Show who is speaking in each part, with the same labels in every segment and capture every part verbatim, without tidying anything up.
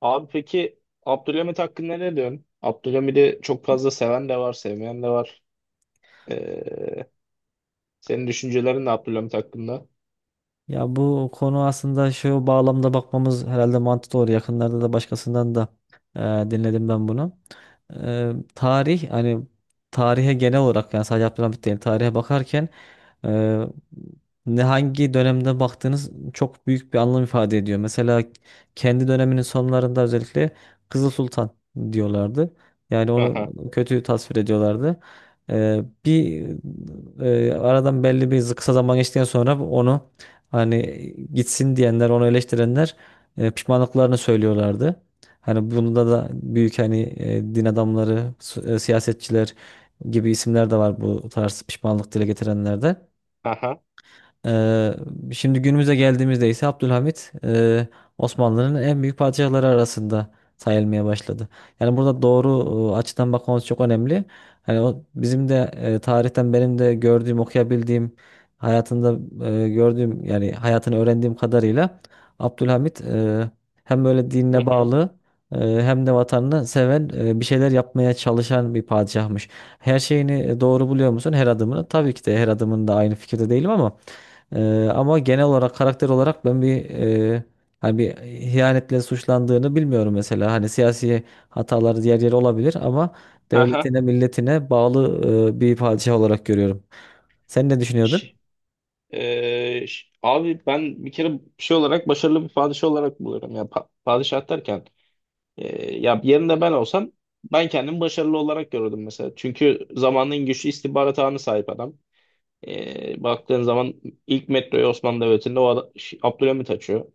Speaker 1: Abi peki Abdülhamit hakkında ne diyorsun? Abdülhamit'i çok fazla seven de var, sevmeyen de var. Ee, Senin düşüncelerin ne Abdülhamit hakkında?
Speaker 2: Ya bu konu aslında şu bağlamda bakmamız herhalde mantıklı olur. Yakınlarda da başkasından da e, dinledim ben bunu. E, tarih hani tarihe genel olarak yani sadece Abdülhamit değil tarihe bakarken e, ne hangi dönemde baktığınız çok büyük bir anlam ifade ediyor. Mesela kendi döneminin sonlarında özellikle Kızıl Sultan diyorlardı. Yani onu
Speaker 1: Aha,
Speaker 2: kötü tasvir ediyorlardı. E, bir e, Aradan belli bir kısa zaman geçtikten sonra onu hani gitsin diyenler, onu eleştirenler e, pişmanlıklarını söylüyorlardı. Hani bunda da büyük hani e, din adamları, su- e, siyasetçiler gibi isimler de var bu tarz pişmanlık dile getirenlerde.
Speaker 1: aha,
Speaker 2: Eee, Şimdi günümüze geldiğimizde ise Abdülhamit eee, Osmanlı'nın en büyük padişahları arasında sayılmaya başladı. Yani burada doğru e, açıdan bakmamız çok önemli. Hani o bizim de e, tarihten benim de gördüğüm, okuyabildiğim, hayatında e, gördüğüm yani hayatını öğrendiğim kadarıyla Abdülhamit e, hem böyle
Speaker 1: hı
Speaker 2: dinine
Speaker 1: hı,
Speaker 2: bağlı, e, hem de vatanını seven, e, bir şeyler yapmaya çalışan bir padişahmış. Her şeyini e, doğru buluyor musun? Her adımını. Tabii ki de her adımında aynı fikirde değilim ama ee, ama genel olarak karakter olarak ben bir e, hani bir ihanetle suçlandığını bilmiyorum mesela. Hani siyasi hataları diğer yeri olabilir ama
Speaker 1: aha.
Speaker 2: devletine, milletine bağlı e, bir padişah olarak görüyorum. Sen ne düşünüyordun?
Speaker 1: Ş- ee, ş- Abi ben bir kere şey olarak başarılı bir padişah olarak buluyorum. Ya pa- padişah derken ee, ya yerinde ben olsam ben kendimi başarılı olarak görürdüm mesela. Çünkü zamanın güçlü istihbarat ağına sahip adam. E, baktığın zaman ilk metroyu Osmanlı Devleti'nde o adam, Ş- Abdülhamit açıyor.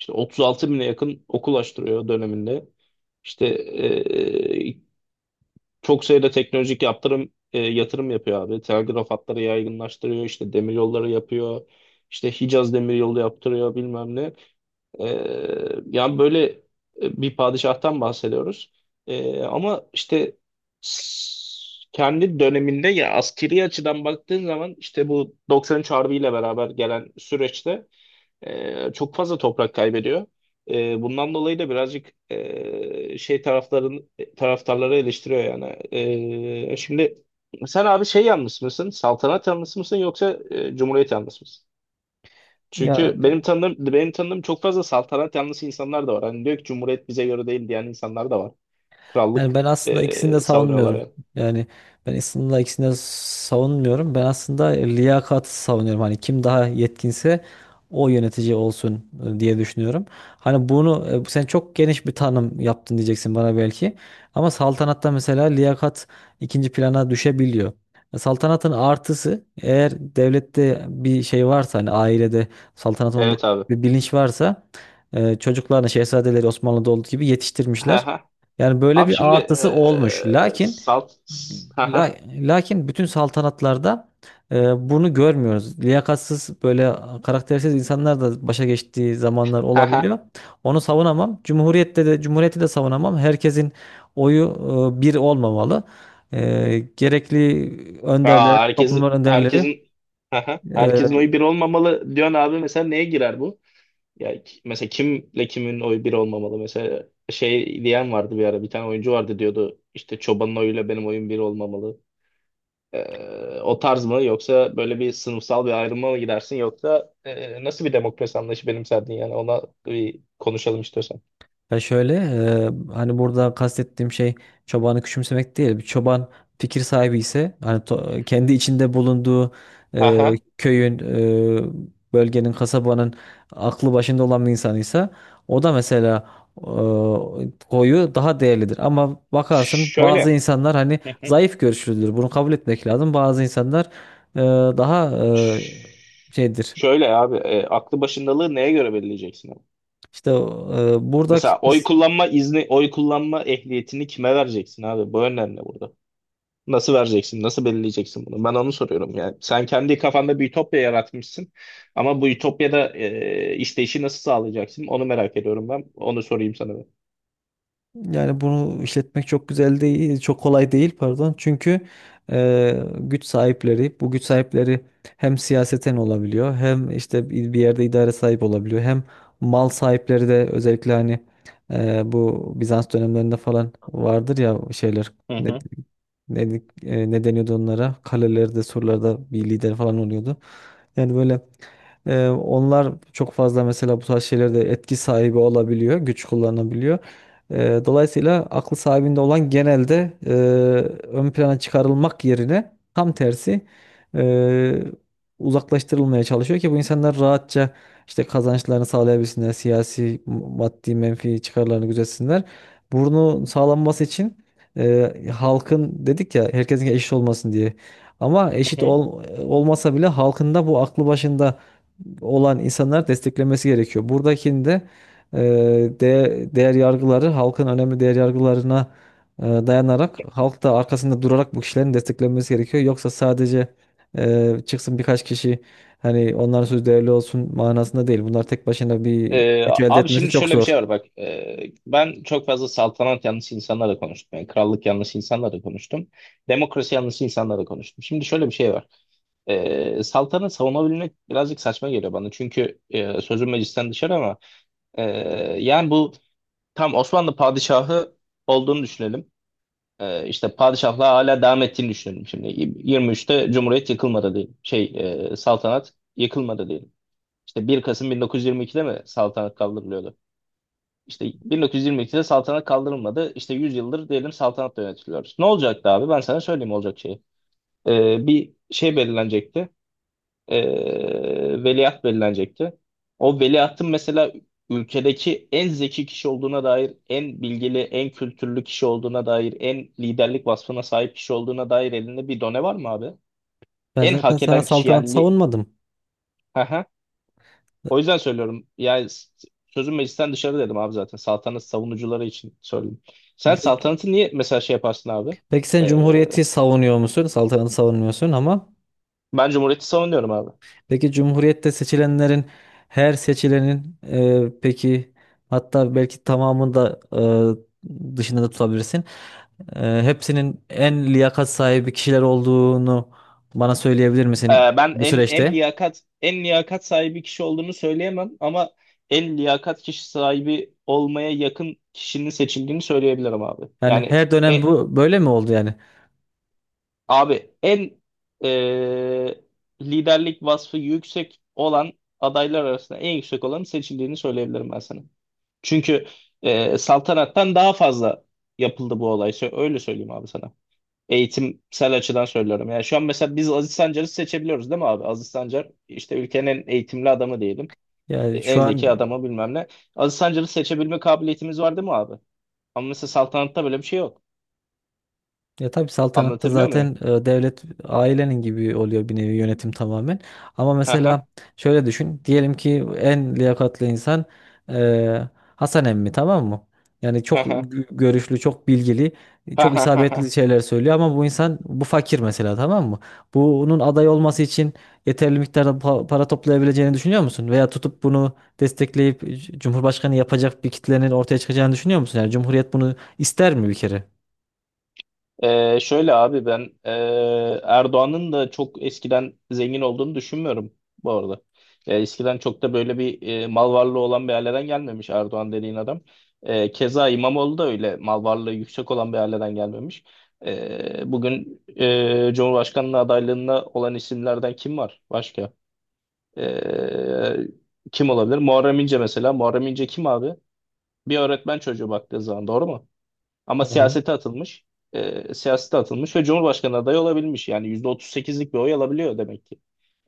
Speaker 1: İşte 36 bine yakın okul açtırıyor döneminde. İşte çok sayıda teknolojik yaptırım e, yatırım yapıyor abi. Telgraf hatları yaygınlaştırıyor, işte demiryolları yapıyor, işte Hicaz demiryolu yaptırıyor bilmem ne. E, Yani böyle e, bir padişahtan bahsediyoruz. E, ama işte s- kendi döneminde ya askeri açıdan baktığın zaman işte bu doksan üç Harbi ile beraber gelen süreçte ee, çok fazla toprak kaybediyor. Ee, bundan dolayı da birazcık ee, şey tarafların e, taraftarları eleştiriyor yani. Ee, şimdi sen abi şey yanlısı mısın? Saltanat yanlısı mısın yoksa e, Cumhuriyet yanlısı mısın? Çünkü
Speaker 2: Ya
Speaker 1: benim tanıdığım benim tanıdığım çok fazla saltanat yanlısı insanlar da var. Hani diyor ki Cumhuriyet bize göre değil diyen insanlar da var. Krallık
Speaker 2: yani ben aslında ikisini de
Speaker 1: ee, savunuyorlar
Speaker 2: savunmuyorum.
Speaker 1: yani.
Speaker 2: Yani ben aslında ikisini de savunmuyorum. Ben aslında liyakatı savunuyorum. Hani kim daha yetkinse o yönetici olsun e, diye düşünüyorum. Hani bunu e, sen çok geniş bir tanım yaptın diyeceksin bana belki. Ama saltanatta mesela liyakat ikinci plana düşebiliyor. E, saltanatın artısı, eğer devlette bir şey varsa hani ailede saltanatın olduğu
Speaker 1: Evet abi.
Speaker 2: bir bilinç varsa, e, çocuklarını, şehzadeleri Osmanlı'da olduğu gibi yetiştirmişler.
Speaker 1: Ha ha.
Speaker 2: Yani böyle
Speaker 1: Abi
Speaker 2: bir
Speaker 1: şimdi
Speaker 2: artısı olmuş.
Speaker 1: eee
Speaker 2: Lakin
Speaker 1: salt ha ha
Speaker 2: la- lakin bütün saltanatlarda e, bunu görmüyoruz. Liyakatsız, böyle karaktersiz insanlar da başa geçtiği zamanlar
Speaker 1: ha ha.
Speaker 2: olabiliyor. Onu savunamam. Cumhuriyette de cumhuriyeti de savunamam. Herkesin oyu e, bir olmamalı. E, gerekli önderler,
Speaker 1: Aa, herkes
Speaker 2: toplumlar önderleri
Speaker 1: herkesin ha ha.
Speaker 2: e,
Speaker 1: Herkesin oyu bir olmamalı diyorsun abi, mesela neye girer bu? Ya ki- mesela kimle kimin oyu bir olmamalı? Mesela şey diyen vardı, bir ara bir tane oyuncu vardı, diyordu işte çobanın oyuyla benim oyum bir olmamalı. Eee, o tarz mı yoksa böyle bir sınıfsal bir ayrıma mı gidersin, yoksa eee, nasıl bir demokrasi anlayışı benimserdin yani, ona bir konuşalım istiyorsan.
Speaker 2: ya şöyle, e, hani burada kastettiğim şey çobanı küçümsemek değil. Bir çoban fikir sahibi ise, hani to- kendi içinde bulunduğu e,
Speaker 1: Aha.
Speaker 2: köyün, e, bölgenin, kasabanın aklı başında olan bir insanıysa, o da mesela e, koyu daha değerlidir. Ama bakarsın bazı
Speaker 1: Şöyle.
Speaker 2: insanlar hani zayıf görüşlüdür. Bunu kabul etmek lazım. Bazı insanlar e, daha e, şeydir.
Speaker 1: Şöyle abi, e, aklı başındalığı neye göre belirleyeceksin abi?
Speaker 2: İşte e, buradaki
Speaker 1: Mesela oy kullanma izni, oy kullanma ehliyetini kime vereceksin abi? Bu önemli burada. Nasıl vereceksin? Nasıl belirleyeceksin bunu? Ben onu soruyorum yani. Sen kendi kafanda bir ütopya yaratmışsın ama bu ütopyada e, işleyişi nasıl sağlayacaksın? Onu merak ediyorum ben. Onu sorayım sana ben.
Speaker 2: yani bunu işletmek çok güzel değil, çok kolay değil pardon. Çünkü e, güç sahipleri, bu güç sahipleri hem siyaseten olabiliyor, hem işte bir bir yerde idare sahip olabiliyor, hem mal sahipleri de, özellikle hani e, bu Bizans dönemlerinde falan vardır ya şeyler
Speaker 1: Hı hı.
Speaker 2: ne, e, ne deniyordu onlara? Kalelerde, sorularda bir lider falan oluyordu. Yani böyle, e, onlar çok fazla mesela bu tarz şeylerde etki sahibi olabiliyor, güç kullanabiliyor. E, dolayısıyla aklı sahibinde olan genelde e, ön plana çıkarılmak yerine, tam tersi e, uzaklaştırılmaya çalışıyor ki bu insanlar rahatça işte kazançlarını sağlayabilsinler, siyasi, maddi, menfi çıkarlarını gözetsinler. Burnu sağlanması için e, halkın, dedik ya herkesin eşit olmasın diye. Ama
Speaker 1: Hı
Speaker 2: eşit
Speaker 1: hı.
Speaker 2: ol, olmasa bile halkında bu aklı başında olan insanlar desteklemesi gerekiyor. Buradakinde e, de, değer yargıları, halkın önemli değer yargılarına e, dayanarak, halk da arkasında durarak bu kişilerin desteklenmesi gerekiyor. Yoksa sadece e, çıksın birkaç kişi hani onların sözü değerli olsun manasında değil. Bunlar tek başına bir
Speaker 1: Ee,
Speaker 2: güç elde
Speaker 1: abi
Speaker 2: etmesi
Speaker 1: şimdi
Speaker 2: çok
Speaker 1: şöyle bir
Speaker 2: zor.
Speaker 1: şey var bak. Ee, ben çok fazla saltanat yanlısı insanlarla konuştum, yani krallık yanlısı insanlarla konuştum, demokrasi yanlısı insanlarla konuştum, şimdi şöyle bir şey var. Ee, saltanat savunabilmek birazcık saçma geliyor bana, çünkü e, sözüm meclisten dışarı ama e, yani bu tam Osmanlı padişahı olduğunu düşünelim. Ee, işte padişahlığa hala devam ettiğini düşünelim, şimdi yirmi üçte Cumhuriyet yıkılmadı diyelim, şey e, saltanat yıkılmadı diyelim. İşte bir Kasım bin dokuz yüz yirmi ikide mi saltanat kaldırılıyordu, işte bin dokuz yüz yirmi ikide saltanat kaldırılmadı. İşte yüz yıldır diyelim saltanatla yönetiliyoruz. Ne olacaktı abi? Ben sana söyleyeyim olacak şeyi. Ee, bir şey belirlenecekti. Ee, veliaht belirlenecekti. O veliahtın mesela ülkedeki en zeki kişi olduğuna dair, en bilgili, en kültürlü kişi olduğuna dair, en liderlik vasfına sahip kişi olduğuna dair elinde bir done var mı abi?
Speaker 2: Ben
Speaker 1: En
Speaker 2: zaten
Speaker 1: hak
Speaker 2: sana
Speaker 1: eden kişi
Speaker 2: saltanat
Speaker 1: yani li-
Speaker 2: savunmadım.
Speaker 1: O yüzden söylüyorum. Yani s- sözüm meclisten dışarı dedim abi zaten. Saltanat savunucuları için söyledim. Sen saltanatı niye mesela şey yaparsın abi?
Speaker 2: Peki sen
Speaker 1: Ee,
Speaker 2: Cumhuriyeti savunuyor musun? Saltanatı savunmuyorsun ama
Speaker 1: Ben cumhuriyeti savunuyorum abi.
Speaker 2: peki Cumhuriyet'te seçilenlerin, her seçilenin, e, peki hatta belki tamamını da e, dışında da tutabilirsin. E, hepsinin en liyakat sahibi kişiler olduğunu bana söyleyebilir
Speaker 1: Ee,
Speaker 2: misin
Speaker 1: ben
Speaker 2: bu
Speaker 1: en en
Speaker 2: süreçte?
Speaker 1: liyakat en liyakat sahibi kişi olduğunu söyleyemem, ama en liyakat kişi sahibi olmaya yakın kişinin seçildiğini söyleyebilirim abi.
Speaker 2: Yani
Speaker 1: Yani
Speaker 2: her dönem
Speaker 1: e,
Speaker 2: bu böyle mi oldu yani?
Speaker 1: abi en e, liderlik vasfı yüksek olan adaylar arasında en yüksek olanın seçildiğini söyleyebilirim ben sana. Çünkü e, saltanattan daha fazla yapıldı bu olay. Sö- Öyle söyleyeyim abi sana. Eğitimsel açıdan söylüyorum. Yani şu an mesela biz Aziz Sancar'ı seçebiliyoruz değil mi abi? Aziz Sancar işte ülkenin en eğitimli adamı diyelim. E,
Speaker 2: Yani şu
Speaker 1: En zeki
Speaker 2: an
Speaker 1: adamı, bilmem ne. Aziz Sancar'ı seçebilme kabiliyetimiz var değil mi abi? Ama mesela saltanatta böyle bir şey yok.
Speaker 2: ya tabii saltanatta
Speaker 1: Anlatabiliyor muyum?
Speaker 2: zaten e, devlet ailenin gibi oluyor bir nevi, yönetim tamamen. Ama
Speaker 1: Ha ha
Speaker 2: mesela şöyle düşün. Diyelim ki en liyakatli insan e, Hasan emmi, tamam mı? Yani
Speaker 1: ha
Speaker 2: çok
Speaker 1: ha
Speaker 2: gö- görüşlü, çok bilgili,
Speaker 1: ha
Speaker 2: çok
Speaker 1: ha.
Speaker 2: isabetli şeyler söylüyor ama bu insan bu fakir mesela, tamam mı? Bunun aday olması için yeterli miktarda pa- para toplayabileceğini düşünüyor musun? Veya tutup bunu destekleyip c- Cumhurbaşkanı yapacak bir kitlenin ortaya çıkacağını düşünüyor musun? Yani Cumhuriyet bunu ister mi bir kere?
Speaker 1: Ee, şöyle abi ben, e, Erdoğan'ın da çok eskiden zengin olduğunu düşünmüyorum bu arada. E, eskiden çok da böyle bir e, mal varlığı olan bir aileden gelmemiş Erdoğan dediğin adam. E, keza İmamoğlu da öyle mal varlığı yüksek olan bir aileden gelmemiş. E, bugün e, Cumhurbaşkanlığı adaylığına olan isimlerden kim var başka? E, kim olabilir? Muharrem İnce mesela. Muharrem İnce kim abi? Bir öğretmen çocuğu baktığı zaman, doğru mu? Ama
Speaker 2: Tamam.
Speaker 1: siyasete atılmış. E, siyasete atılmış ve Cumhurbaşkanı adayı olabilmiş. Yani yüzde otuz sekizlik bir oy alabiliyor demek ki.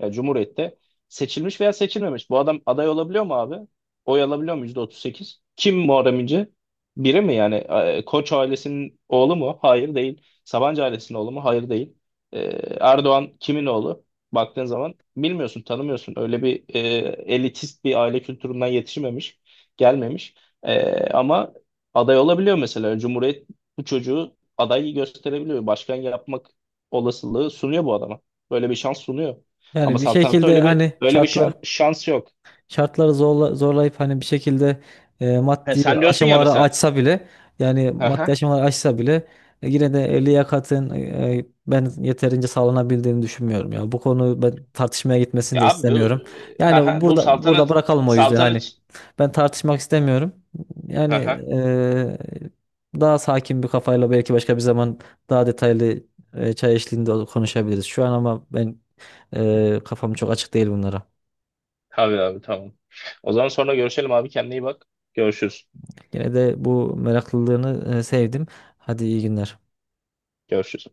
Speaker 1: Ya Cumhuriyet'te seçilmiş veya seçilmemiş. Bu adam aday olabiliyor mu abi? Oy alabiliyor mu yüzde otuz sekiz. Kim Muharrem İnce? Biri mi yani? E, Koç ailesinin oğlu mu? Hayır değil. Sabancı ailesinin oğlu mu? Hayır değil. E, Erdoğan kimin oğlu? Baktığın zaman bilmiyorsun, tanımıyorsun. Öyle bir e, elitist bir aile kültüründen yetişmemiş, gelmemiş. Ee, ama aday olabiliyor mesela. Cumhuriyet bu çocuğu aday gösterebiliyor. Başkan yapmak olasılığı sunuyor bu adama. Böyle bir şans sunuyor.
Speaker 2: Yani
Speaker 1: Ama
Speaker 2: bir
Speaker 1: saltanatta
Speaker 2: şekilde
Speaker 1: öyle bir
Speaker 2: hani
Speaker 1: öyle bir şans,
Speaker 2: şartları
Speaker 1: şans yok.
Speaker 2: şartları zorla, zorlayıp hani bir şekilde e,
Speaker 1: He,
Speaker 2: maddi
Speaker 1: sen diyorsun ya
Speaker 2: aşamaları
Speaker 1: mesela.
Speaker 2: açsa bile, yani maddi
Speaker 1: Haha.
Speaker 2: aşamaları açsa bile e, yine de liyakatın e, e, ben yeterince sağlanabildiğini düşünmüyorum ya. Bu konu ben tartışmaya gitmesini
Speaker 1: Ya
Speaker 2: de
Speaker 1: abi bu,
Speaker 2: istemiyorum. Yani
Speaker 1: haha, bu
Speaker 2: burada burada
Speaker 1: saltanat
Speaker 2: bırakalım o yüzden hani
Speaker 1: saltanat.
Speaker 2: ben tartışmak istemiyorum. Yani
Speaker 1: Haha.
Speaker 2: e, daha sakin bir kafayla belki başka bir zaman daha detaylı e, çay eşliğinde konuşabiliriz. Şu an ama ben ee, kafam çok açık değil bunlara.
Speaker 1: Tabii abi, tamam. O zaman sonra görüşelim abi, kendine iyi bak. Görüşürüz.
Speaker 2: Yine de bu meraklılığını e, sevdim. Hadi iyi günler.
Speaker 1: Görüşürüz.